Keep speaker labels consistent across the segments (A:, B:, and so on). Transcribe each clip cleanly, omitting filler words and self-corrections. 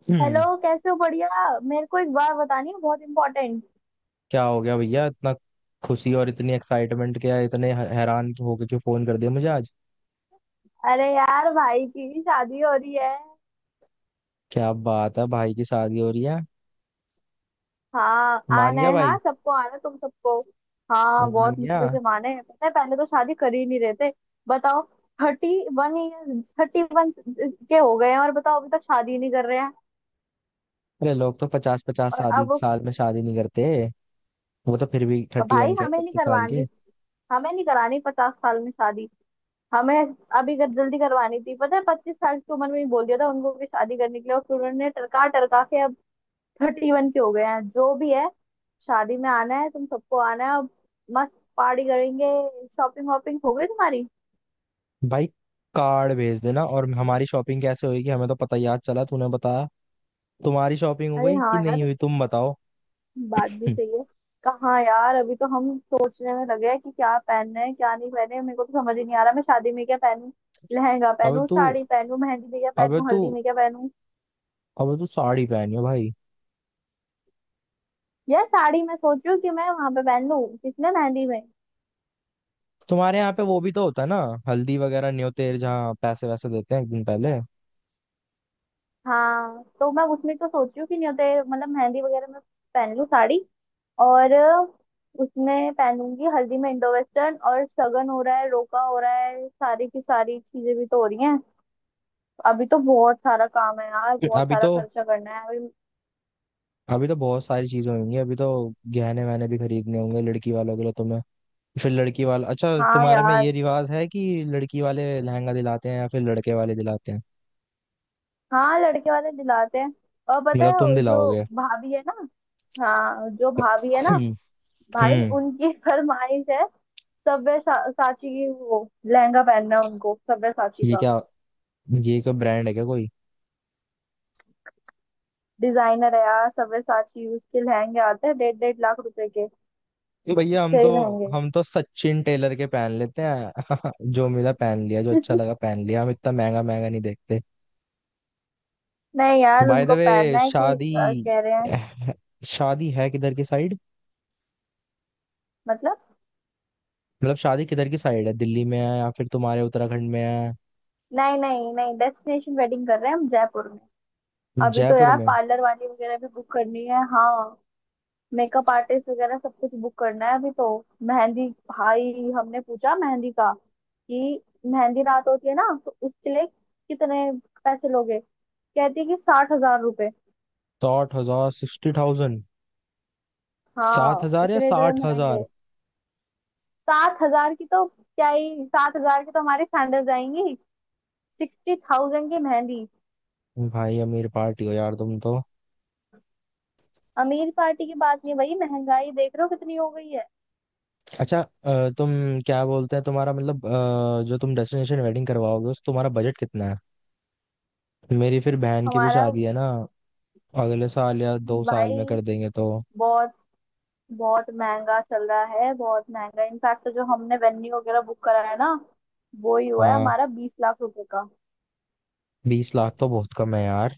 A: Hello.
B: हम्म,
A: कैसे हो? बढ़िया। मेरे को एक बात बतानी है, बहुत इम्पोर्टेंट।
B: क्या हो गया भैया? इतना खुशी और इतनी एक्साइटमेंट, क्या इतने हैरान होके क्यों फोन कर दिया मुझे आज?
A: अरे यार, भाई की भी शादी हो रही है।
B: क्या बात है, भाई की शादी हो रही है।
A: हाँ,
B: मान
A: आना
B: गया
A: है।
B: भाई।
A: हाँ, सबको आना, तुम सबको। हाँ,
B: मान
A: बहुत
B: गया।
A: मुश्किल से माने हैं, पता है पहले तो शादी कर ही नहीं रहे थे। बताओ। थर्टी थर्टी वन के हो गए हैं और बताओ अभी तक शादी नहीं कर रहे हैं।
B: अरे लोग तो पचास पचास
A: और
B: शादी
A: अब।
B: साल में शादी नहीं करते। वो तो फिर भी थर्टी
A: भाई,
B: वन के,
A: हमें नहीं
B: 31 साल के।
A: करवानी। हमें नहीं करानी 50 साल में शादी। हमें जल्दी करवानी थी, पता है 25 साल की उम्र में ही बोल दिया था उनको कि शादी करने के लिए, और फिर उन्होंने टरका टरका के 31 के हो गए हैं, जो भी है। शादी में आना है, तुम सबको आना है। और मस्त पार्टी करेंगे। शॉपिंग वॉपिंग हो गई तुम्हारी?
B: भाई, कार्ड भेज देना। और हमारी शॉपिंग कैसे होगी? हमें तो पता, याद चला तूने बताया। तुम्हारी शॉपिंग हो
A: अरे
B: गई
A: हाँ
B: कि नहीं
A: यार,
B: हुई, तुम बताओ।
A: बात भी
B: हम्म,
A: सही है। कहाँ यार, अभी तो हम सोचने में लगे हैं कि क्या पहनना है, क्या नहीं पहने। मेरे को तो समझ ही नहीं आ रहा, मैं शादी में क्या पहनूं। लहंगा
B: अबे
A: पहनूं,
B: तू
A: साड़ी पहनूं, मेहंदी में क्या
B: अबे
A: पहनूं,
B: तू
A: हल्दी में क्या पहनूं।
B: अबे तू साड़ी पहनियो भाई।
A: यार साड़ी मैं सोच रही हूँ कि मैं वहां पे पहन लूँ, किसने मेहंदी में।
B: तुम्हारे यहाँ पे वो भी तो होता है ना, हल्दी वगैरह न्योतेर, जहाँ पैसे वैसे देते हैं एक दिन पहले।
A: हाँ, तो मैं उसमें तो सोच रही हूँ कि नहीं होते मतलब मेहंदी वगैरह में। पहन लूँ साड़ी। और उसमें पहनूंगी हल्दी में इंडो वेस्टर्न, और सगन हो रहा है, रोका हो रहा है, सारी की सारी चीजें भी तो हो रही हैं। अभी तो बहुत सारा काम है यार, बहुत
B: अभी
A: सारा
B: तो
A: खर्चा करना है अभी।
B: अभी तो बहुत सारी चीजें होंगी। अभी तो गहने वहने भी खरीदने होंगे लड़की वालों के लिए तुम्हें। फिर लड़की वाला, अच्छा
A: हाँ
B: तुम्हारे में ये
A: यार।
B: रिवाज है कि लड़की वाले लहंगा दिलाते हैं या फिर लड़के वाले दिलाते हैं?
A: हाँ, लड़के वाले दिलाते हैं। और पता
B: मतलब
A: है,
B: तुम
A: वो जो
B: दिलाओगे?
A: भाभी है ना। हाँ, जो भाभी है ना।
B: हम्म।
A: भाई,
B: हम्म,
A: उनकी फरमाइश है। सब्यसाची की वो लहंगा पहनना है उनको, सब्यसाची
B: ये
A: का।
B: क्या ये क्या ब्रांड है क्या कोई?
A: डिजाइनर है यार सव्यसाची, उसके लहंगे आते हैं डेढ़ डेढ़ लाख रुपए के।
B: तो भैया हम
A: उससे
B: तो
A: भी महंगे।
B: हम तो सचिन टेलर के पहन लेते हैं। जो मिला पहन लिया, जो अच्छा लगा पहन लिया, हम इतना महंगा महंगा नहीं देखते।
A: नहीं यार,
B: बाय द
A: उनको
B: वे,
A: पहनना है कि
B: शादी
A: कह रहे हैं।
B: शादी है किधर की साइड?
A: मतलब।
B: मतलब शादी किधर की साइड है, दिल्ली में है या फिर तुम्हारे उत्तराखंड में है?
A: नहीं नहीं नहीं, डेस्टिनेशन वेडिंग कर रहे हैं हम जयपुर में। अभी तो
B: जयपुर
A: यार
B: में?
A: पार्लर वाली वगैरह भी बुक करनी है, हाँ। मेकअप आर्टिस्ट वगैरह सब कुछ बुक करना है अभी तो। मेहंदी, भाई हमने पूछा मेहंदी का कि मेहंदी रात होती है ना, तो उसके लिए कितने पैसे लोगे? कहती है कि 60 हजार रुपए।
B: 60 हजार? 60,000? सात
A: हाँ,
B: हजार या
A: इतने इतने
B: साठ
A: महंगे।
B: हजार
A: 7 हजार की तो क्या ही, 7 हजार की तो हमारी सैंडल जाएंगी। 60,000 की मेहंदी।
B: भाई अमीर पार्टी हो यार तुम तो।
A: अमीर पार्टी की बात नहीं भाई, महंगाई देख रहे हो कितनी हो गई है।
B: अच्छा, तुम क्या बोलते हैं तुम्हारा, मतलब जो तुम डेस्टिनेशन वेडिंग करवाओगे उस तुम्हारा बजट कितना है? मेरी फिर बहन की भी
A: हमारा।
B: शादी है ना, अगले साल या 2 साल
A: भाई।
B: में कर देंगे तो।
A: बहुत बहुत महंगा चल रहा है, बहुत महंगा। इनफैक्ट जो हमने वेन्यू वगैरह बुक करा है ना, वो ही हुआ है
B: हाँ।
A: हमारा 20 लाख रुपए का।
B: 20 लाख तो बहुत कम है यार।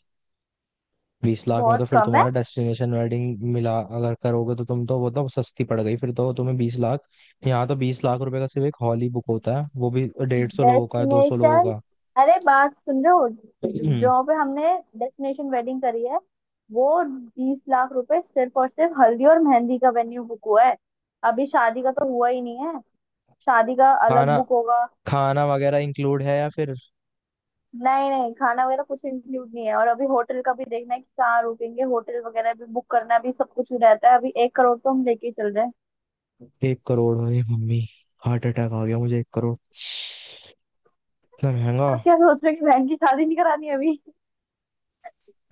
B: 20 लाख में
A: बहुत
B: तो फिर
A: कम है।
B: तुम्हारा डेस्टिनेशन वेडिंग मिला, अगर करोगे तो तुम तो, वो तो सस्ती पड़ गई फिर तो तुम्हें 20 लाख। यहाँ तो 20 लाख रुपए का सिर्फ एक हॉल ही बुक होता है, वो भी 150 लोगों का, 200 लोगों
A: डेस्टिनेशन।
B: का।
A: अरे बात सुन रहे हो, जहाँ पे हमने डेस्टिनेशन वेडिंग करी है, वो 20 लाख रुपए सिर्फ और सिर्फ हल्दी और मेहंदी का वेन्यू बुक हुआ है। अभी शादी का तो हुआ ही नहीं है। शादी का अलग
B: खाना
A: बुक होगा।
B: खाना वगैरह इंक्लूड है या फिर?
A: नहीं नहीं, खाना वगैरह कुछ इंक्लूड नहीं है। और अभी होटल का भी देखना है कि कहाँ रुकेंगे, होटल वगैरह भी बुक करना भी सब कुछ ही रहता है। अभी 1 करोड़ तो हम लेके ही चल रहे हैं।
B: 1 करोड़? है मम्मी, हार्ट अटैक आ गया मुझे। 1 करोड़? इतना महंगा?
A: अब क्या सोच रहे हो कि बहन की शादी नहीं करानी है अभी?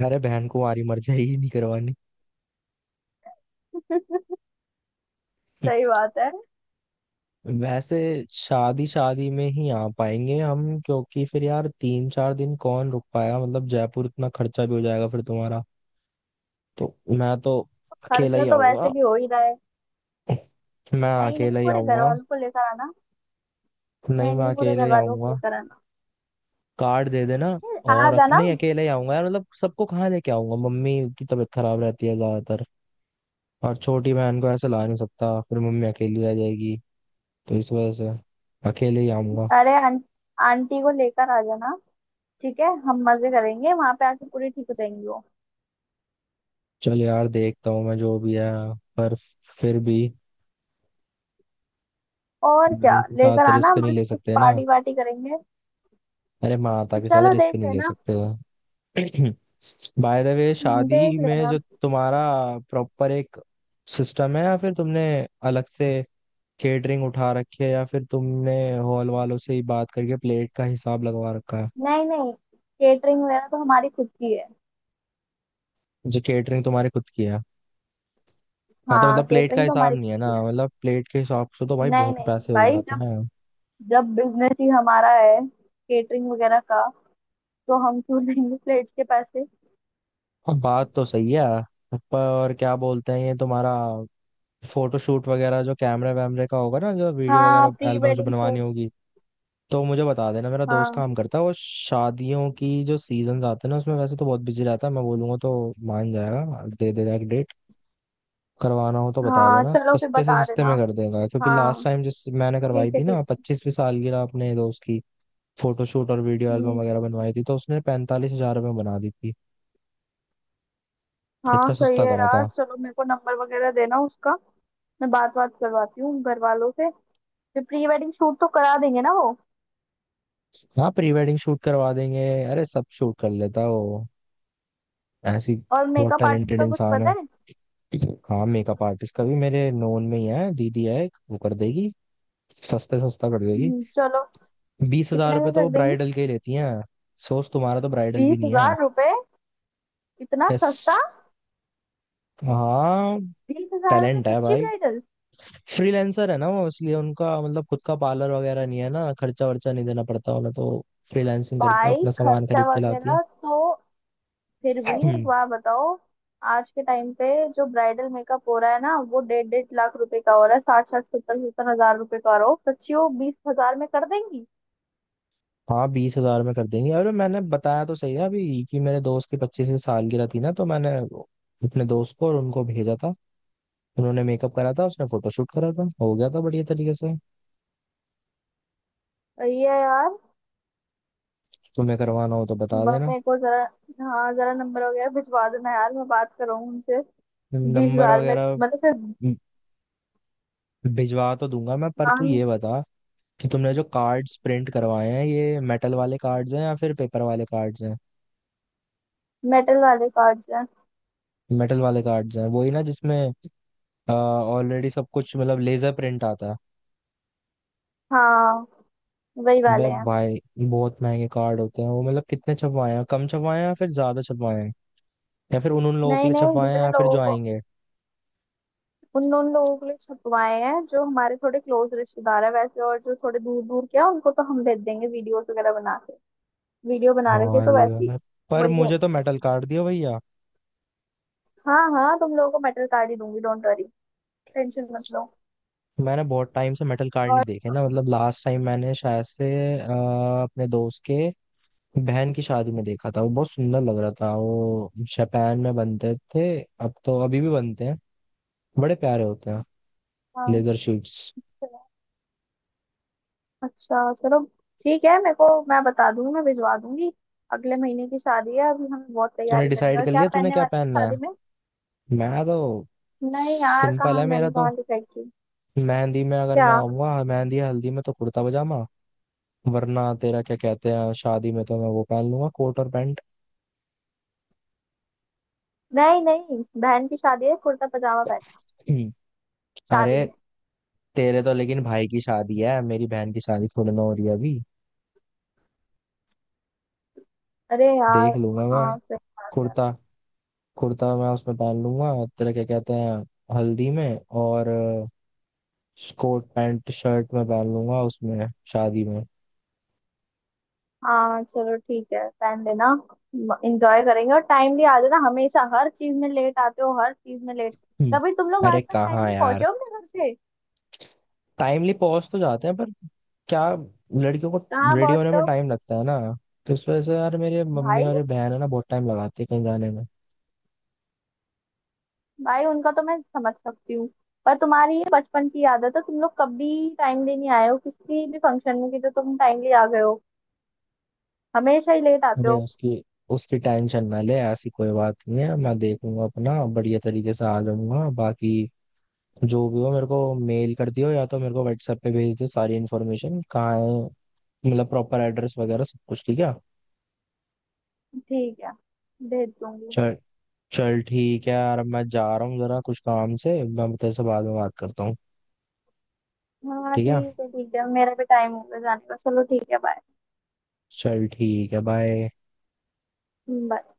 B: अरे बहन को मारी, मर जाएगी। नहीं करवानी।
A: सही बात है।
B: वैसे शादी शादी में ही आ पाएंगे हम क्योंकि फिर यार 3-4 दिन कौन रुक पाएगा, मतलब जयपुर, इतना खर्चा भी हो जाएगा फिर तुम्हारा। तो मैं तो अकेला
A: खर्चा
B: ही
A: तो वैसे
B: आऊंगा।
A: भी हो ही रहा है।
B: मैं
A: नहीं नहीं,
B: अकेला ही
A: पूरे घर
B: आऊंगा।
A: वालों को लेकर आना।
B: नहीं,
A: नहीं
B: मैं
A: नहीं, पूरे
B: अकेले
A: घर
B: ही
A: वालों को
B: आऊंगा।
A: लेकर आना।
B: कार्ड दे देना।
A: नहीं, आ
B: और
A: जाना।
B: नहीं, अकेले ही आऊंगा यार, मतलब सबको कहाँ लेके आऊंगा? मम्मी की तबीयत खराब रहती है ज्यादातर, और छोटी बहन को ऐसे ला नहीं सकता, फिर मम्मी अकेली रह जाएगी। तो इस वजह से अकेले ही आऊंगा।
A: अरे आंटी को लेकर आ जाना। ठीक है, हम मजे करेंगे वहां पे आके, पूरी ठीक हो जाएंगी वो।
B: चल यार, देखता हूँ मैं, जो भी है। पर फिर भी,
A: और क्या
B: मेरे के
A: लेकर
B: साथ
A: आना,
B: रिस्क नहीं ले
A: मस्त
B: सकते ना,
A: पार्टी वार्टी करेंगे।
B: अरे माता के साथ
A: चलो,
B: रिस्क
A: देख
B: नहीं ले
A: लेना।
B: सकते। बाय द वे, शादी
A: देख
B: में
A: लेना।
B: जो तुम्हारा प्रॉपर एक सिस्टम है, या फिर तुमने अलग से केटरिंग उठा रखी है, या फिर तुमने हॉल वालों से ही बात करके प्लेट का हिसाब लगवा रखा है?
A: नहीं नहीं, केटरिंग वगैरह तो हमारी खुद की है।
B: जो केटरिंग तुम्हारी खुद की है? हाँ तो
A: हाँ,
B: मतलब प्लेट का
A: केटरिंग तो
B: हिसाब
A: हमारी
B: नहीं
A: खुद
B: है ना,
A: की है।
B: मतलब प्लेट के हिसाब से तो भाई
A: नहीं
B: बहुत
A: नहीं
B: पैसे हो
A: भाई,
B: जाते
A: जब
B: हैं।
A: जब बिजनेस ही हमारा है केटरिंग वगैरह का, तो हम क्यों लेंगे प्लेट्स के पैसे।
B: हाँ, बात तो सही है। पर क्या बोलते हैं, ये तुम्हारा फोटोशूट वगैरह जो कैमरे वैमरे का होगा ना, जो वीडियो
A: हाँ,
B: वगैरह
A: प्री
B: एल्बम्स
A: वेडिंग
B: बनवानी
A: शूट।
B: होगी, तो मुझे बता देना। मेरा दोस्त
A: हाँ।
B: काम करता है वो, शादियों की जो सीजन आते हैं ना उसमें वैसे तो बहुत बिजी रहता है, मैं बोलूंगा तो मान जाएगा, दे देगा एक डेट। करवाना हो तो बता
A: हाँ
B: देना,
A: चलो, फिर
B: सस्ते से
A: बता
B: सस्ते
A: देना।
B: में कर देगा, क्योंकि
A: हाँ,
B: लास्ट टाइम जिस मैंने करवाई
A: ठीक है
B: थी ना
A: ठीक है।
B: 25वीं सालगिरह अपने दोस्त की, फोटोशूट और वीडियो एल्बम
A: हम्म।
B: वगैरह बनवाई थी तो उसने 45 हजार रुपये में बना दी थी।
A: हाँ
B: इतना
A: सही
B: सस्ता
A: है
B: करा
A: यार,
B: था।
A: चलो मेरे को नंबर वगैरह देना उसका। मैं बात बात करवाती हूँ घर वालों से। फिर प्री वेडिंग शूट तो करा देंगे ना वो।
B: हाँ प्री वेडिंग शूट करवा देंगे। अरे सब शूट कर लेता है वो, ऐसी,
A: और
B: बहुत
A: मेकअप आर्टिस्ट
B: टैलेंटेड
A: का कुछ
B: इंसान
A: पता
B: है।
A: है?
B: हाँ, मेकअप आर्टिस्ट का भी मेरे नोन में ही है। दीदी है एक, वो कर देगी। सस्ते सस्ता कर देगी।
A: चलो।
B: बीस हजार
A: कितने
B: रुपये
A: में
B: तो
A: कर
B: वो
A: देंगे?
B: ब्राइडल के ही लेती हैं। सोच, तुम्हारा तो ब्राइडल भी
A: बीस
B: नहीं है।
A: हजार रुपए इतना
B: यस।
A: सस्ता?
B: हाँ।
A: 20 हजार में
B: टैलेंट है
A: सच्ची
B: भाई।
A: ब्राइडल?
B: फ्रीलांसर है ना वो, इसलिए उनका मतलब खुद का पार्लर वगैरह नहीं है ना, खर्चा वर्चा नहीं देना पड़ता उन्हें तो। फ्रीलांसिंग करते हैं,
A: भाई
B: अपना सामान
A: खर्चा
B: खरीद के लाती है।
A: वगैरह तो फिर भी एक बार बताओ। आज के टाइम पे जो ब्राइडल मेकअप हो रहा है ना, वो डेढ़ डेढ़ लाख रुपए का हो रहा है, साठ साठ सत्तर सत्तर हजार रुपए का हो रहा हो, सच्ची वो 20 हजार में कर देंगी?
B: हाँ 20 हजार में कर देंगे। अरे मैंने बताया तो सही है अभी कि मेरे दोस्त की 25 सालगिरह थी ना, तो मैंने अपने दोस्त को और उनको भेजा था। उन्होंने मेकअप करा था, उसने फोटोशूट करा था, हो गया था बढ़िया तरीके से।
A: सही है यार।
B: तुम्हें करवाना हो तो बता देना।
A: मेरे को जरा, हाँ जरा नंबर वगैरह भिजवा देना यार, मैं बात करूँ उनसे। बीस
B: नंबर
A: हजार में
B: वगैरह
A: मतलब फिर।
B: भिजवा तो दूंगा मैं, पर तू
A: हाँ,
B: ये बता कि तुमने जो कार्ड्स प्रिंट करवाए हैं, ये मेटल वाले कार्ड्स हैं या फिर पेपर वाले कार्ड्स हैं?
A: मेटल वाले कार्ड हैं।
B: मेटल वाले कार्ड्स हैं वही ना, जिसमें ऑलरेडी सब कुछ मतलब लेजर प्रिंट आता है?
A: हाँ, वही
B: बे
A: वाले हैं।
B: भाई, बहुत महंगे कार्ड होते हैं वो। मतलब कितने छपवाए हैं, कम छपवाए हैं या फिर ज्यादा छपवाए हैं? या फिर उन उन लोगों के
A: नहीं
B: लिए
A: नहीं,
B: छपवाए हैं
A: जितने
B: या फिर
A: लोगों
B: जो
A: को,
B: आएंगे?
A: उन उन लोगों के लिए छपवाए हैं जो हमारे थोड़े क्लोज रिश्तेदार है वैसे, और जो थोड़े दूर दूर के हैं उनको तो हम भेज देंगे वीडियोस वगैरह बना के। वीडियो बना रखे तो
B: भाई
A: वैसे ही।
B: यार, पर
A: वही भेज
B: मुझे तो
A: देंगे।
B: मेटल कार्ड दिया भैया।
A: हाँ हाँ, तुम लोगों को मेटल कार्ड ही दूंगी, डोंट वरी। टेंशन मत लो।
B: मैंने बहुत टाइम से मेटल कार्ड नहीं
A: और
B: देखे ना, मतलब लास्ट टाइम मैंने शायद से अ, अपने दोस्त के बहन की शादी में देखा था। वो बहुत सुंदर लग रहा था, वो जापान में बनते थे। अब तो अभी भी बनते हैं, बड़े प्यारे होते हैं,
A: हाँ
B: लेदर शूट्स।
A: चलो। अच्छा चलो, ठीक है, मेरे को मैं बता दूंगी, मैं भिजवा दूंगी। अगले महीने की शादी है, अभी हमें बहुत
B: तूने
A: तैयारी करनी है।
B: डिसाइड
A: और
B: कर
A: क्या
B: लिया तूने
A: पहनने
B: क्या
A: वाला है
B: पहनना है?
A: शादी में?
B: मैं तो,
A: नहीं यार,
B: सिंपल
A: कहाँ
B: है मेरा
A: मैंने
B: तो।
A: कहाँ डिसाइड की।
B: मेहंदी में अगर मैं
A: क्या?
B: आऊंगा, मेहंदी या हल्दी में, तो कुर्ता पजामा। वरना तेरा क्या कहते हैं, शादी में तो मैं वो पहन लूंगा, कोट और पैंट।
A: नहीं नहीं, बहन की शादी है, कुर्ता पजामा पहनना शादी
B: अरे
A: में।
B: तेरे तो लेकिन भाई की शादी है, मेरी बहन की शादी थोड़ी ना हो रही है अभी।
A: अरे
B: देख
A: यार।
B: लूंगा मैं।
A: हाँ सही बात है।
B: कुर्ता कुर्ता मैं उसमें पहन लूंगा। तेरा क्या कहते हैं, हल्दी में। और कोट पैंट शर्ट में पहन लूंगा उसमें, शादी में।
A: हाँ चलो, ठीक है पहन लेना। एंजॉय करेंगे, और टाइमली आ जाना। हमेशा हर चीज में लेट आते हो, हर चीज में लेट।
B: हम्म,
A: कभी तुम लोग आज
B: अरे
A: तक
B: कहाँ
A: टाइमली
B: यार,
A: पहुंचे हो अपने घर से?
B: टाइमली पहुंच तो जाते हैं, पर क्या लड़कियों को
A: कहाँ
B: रेडी होने
A: पहुंचते
B: में
A: हो?
B: टाइम लगता है ना। तो इस वजह से यार मेरे मम्मी
A: भाई,
B: और ये बहन है ना, बहुत टाइम लगाती है कहीं जाने में।
A: भाई उनका तो मैं समझ सकती हूँ। पर तुम्हारी ये बचपन की आदत है, तुम लोग कभी टाइमली नहीं आए हो किसी भी फंक्शन में कि जो तुम टाइमली आ गए हो। हमेशा ही लेट आते
B: अरे
A: हो।
B: उसकी उसकी टेंशन ना ले, ऐसी कोई बात नहीं है। मैं देखूंगा अपना, बढ़िया तरीके से आ जाऊंगा। बाकी जो भी हो मेरे को मेल कर दियो या तो मेरे को व्हाट्सएप पे भेज दियो, सारी इन्फॉर्मेशन कहाँ है मतलब, प्रॉपर एड्रेस वगैरह, सब कुछ ठीक है।
A: ठीक है, भेज दूंगी।
B: चल, चल ठीक है यार, अब मैं जा रहा हूँ जरा कुछ काम से, मैं तेरे से बाद में बात करता हूँ।
A: हाँ
B: ठीक है,
A: ठीक है ठीक है, मेरा भी टाइम हो गया जाने का। चलो ठीक है, बाय।
B: चल ठीक है, बाय।
A: बाय।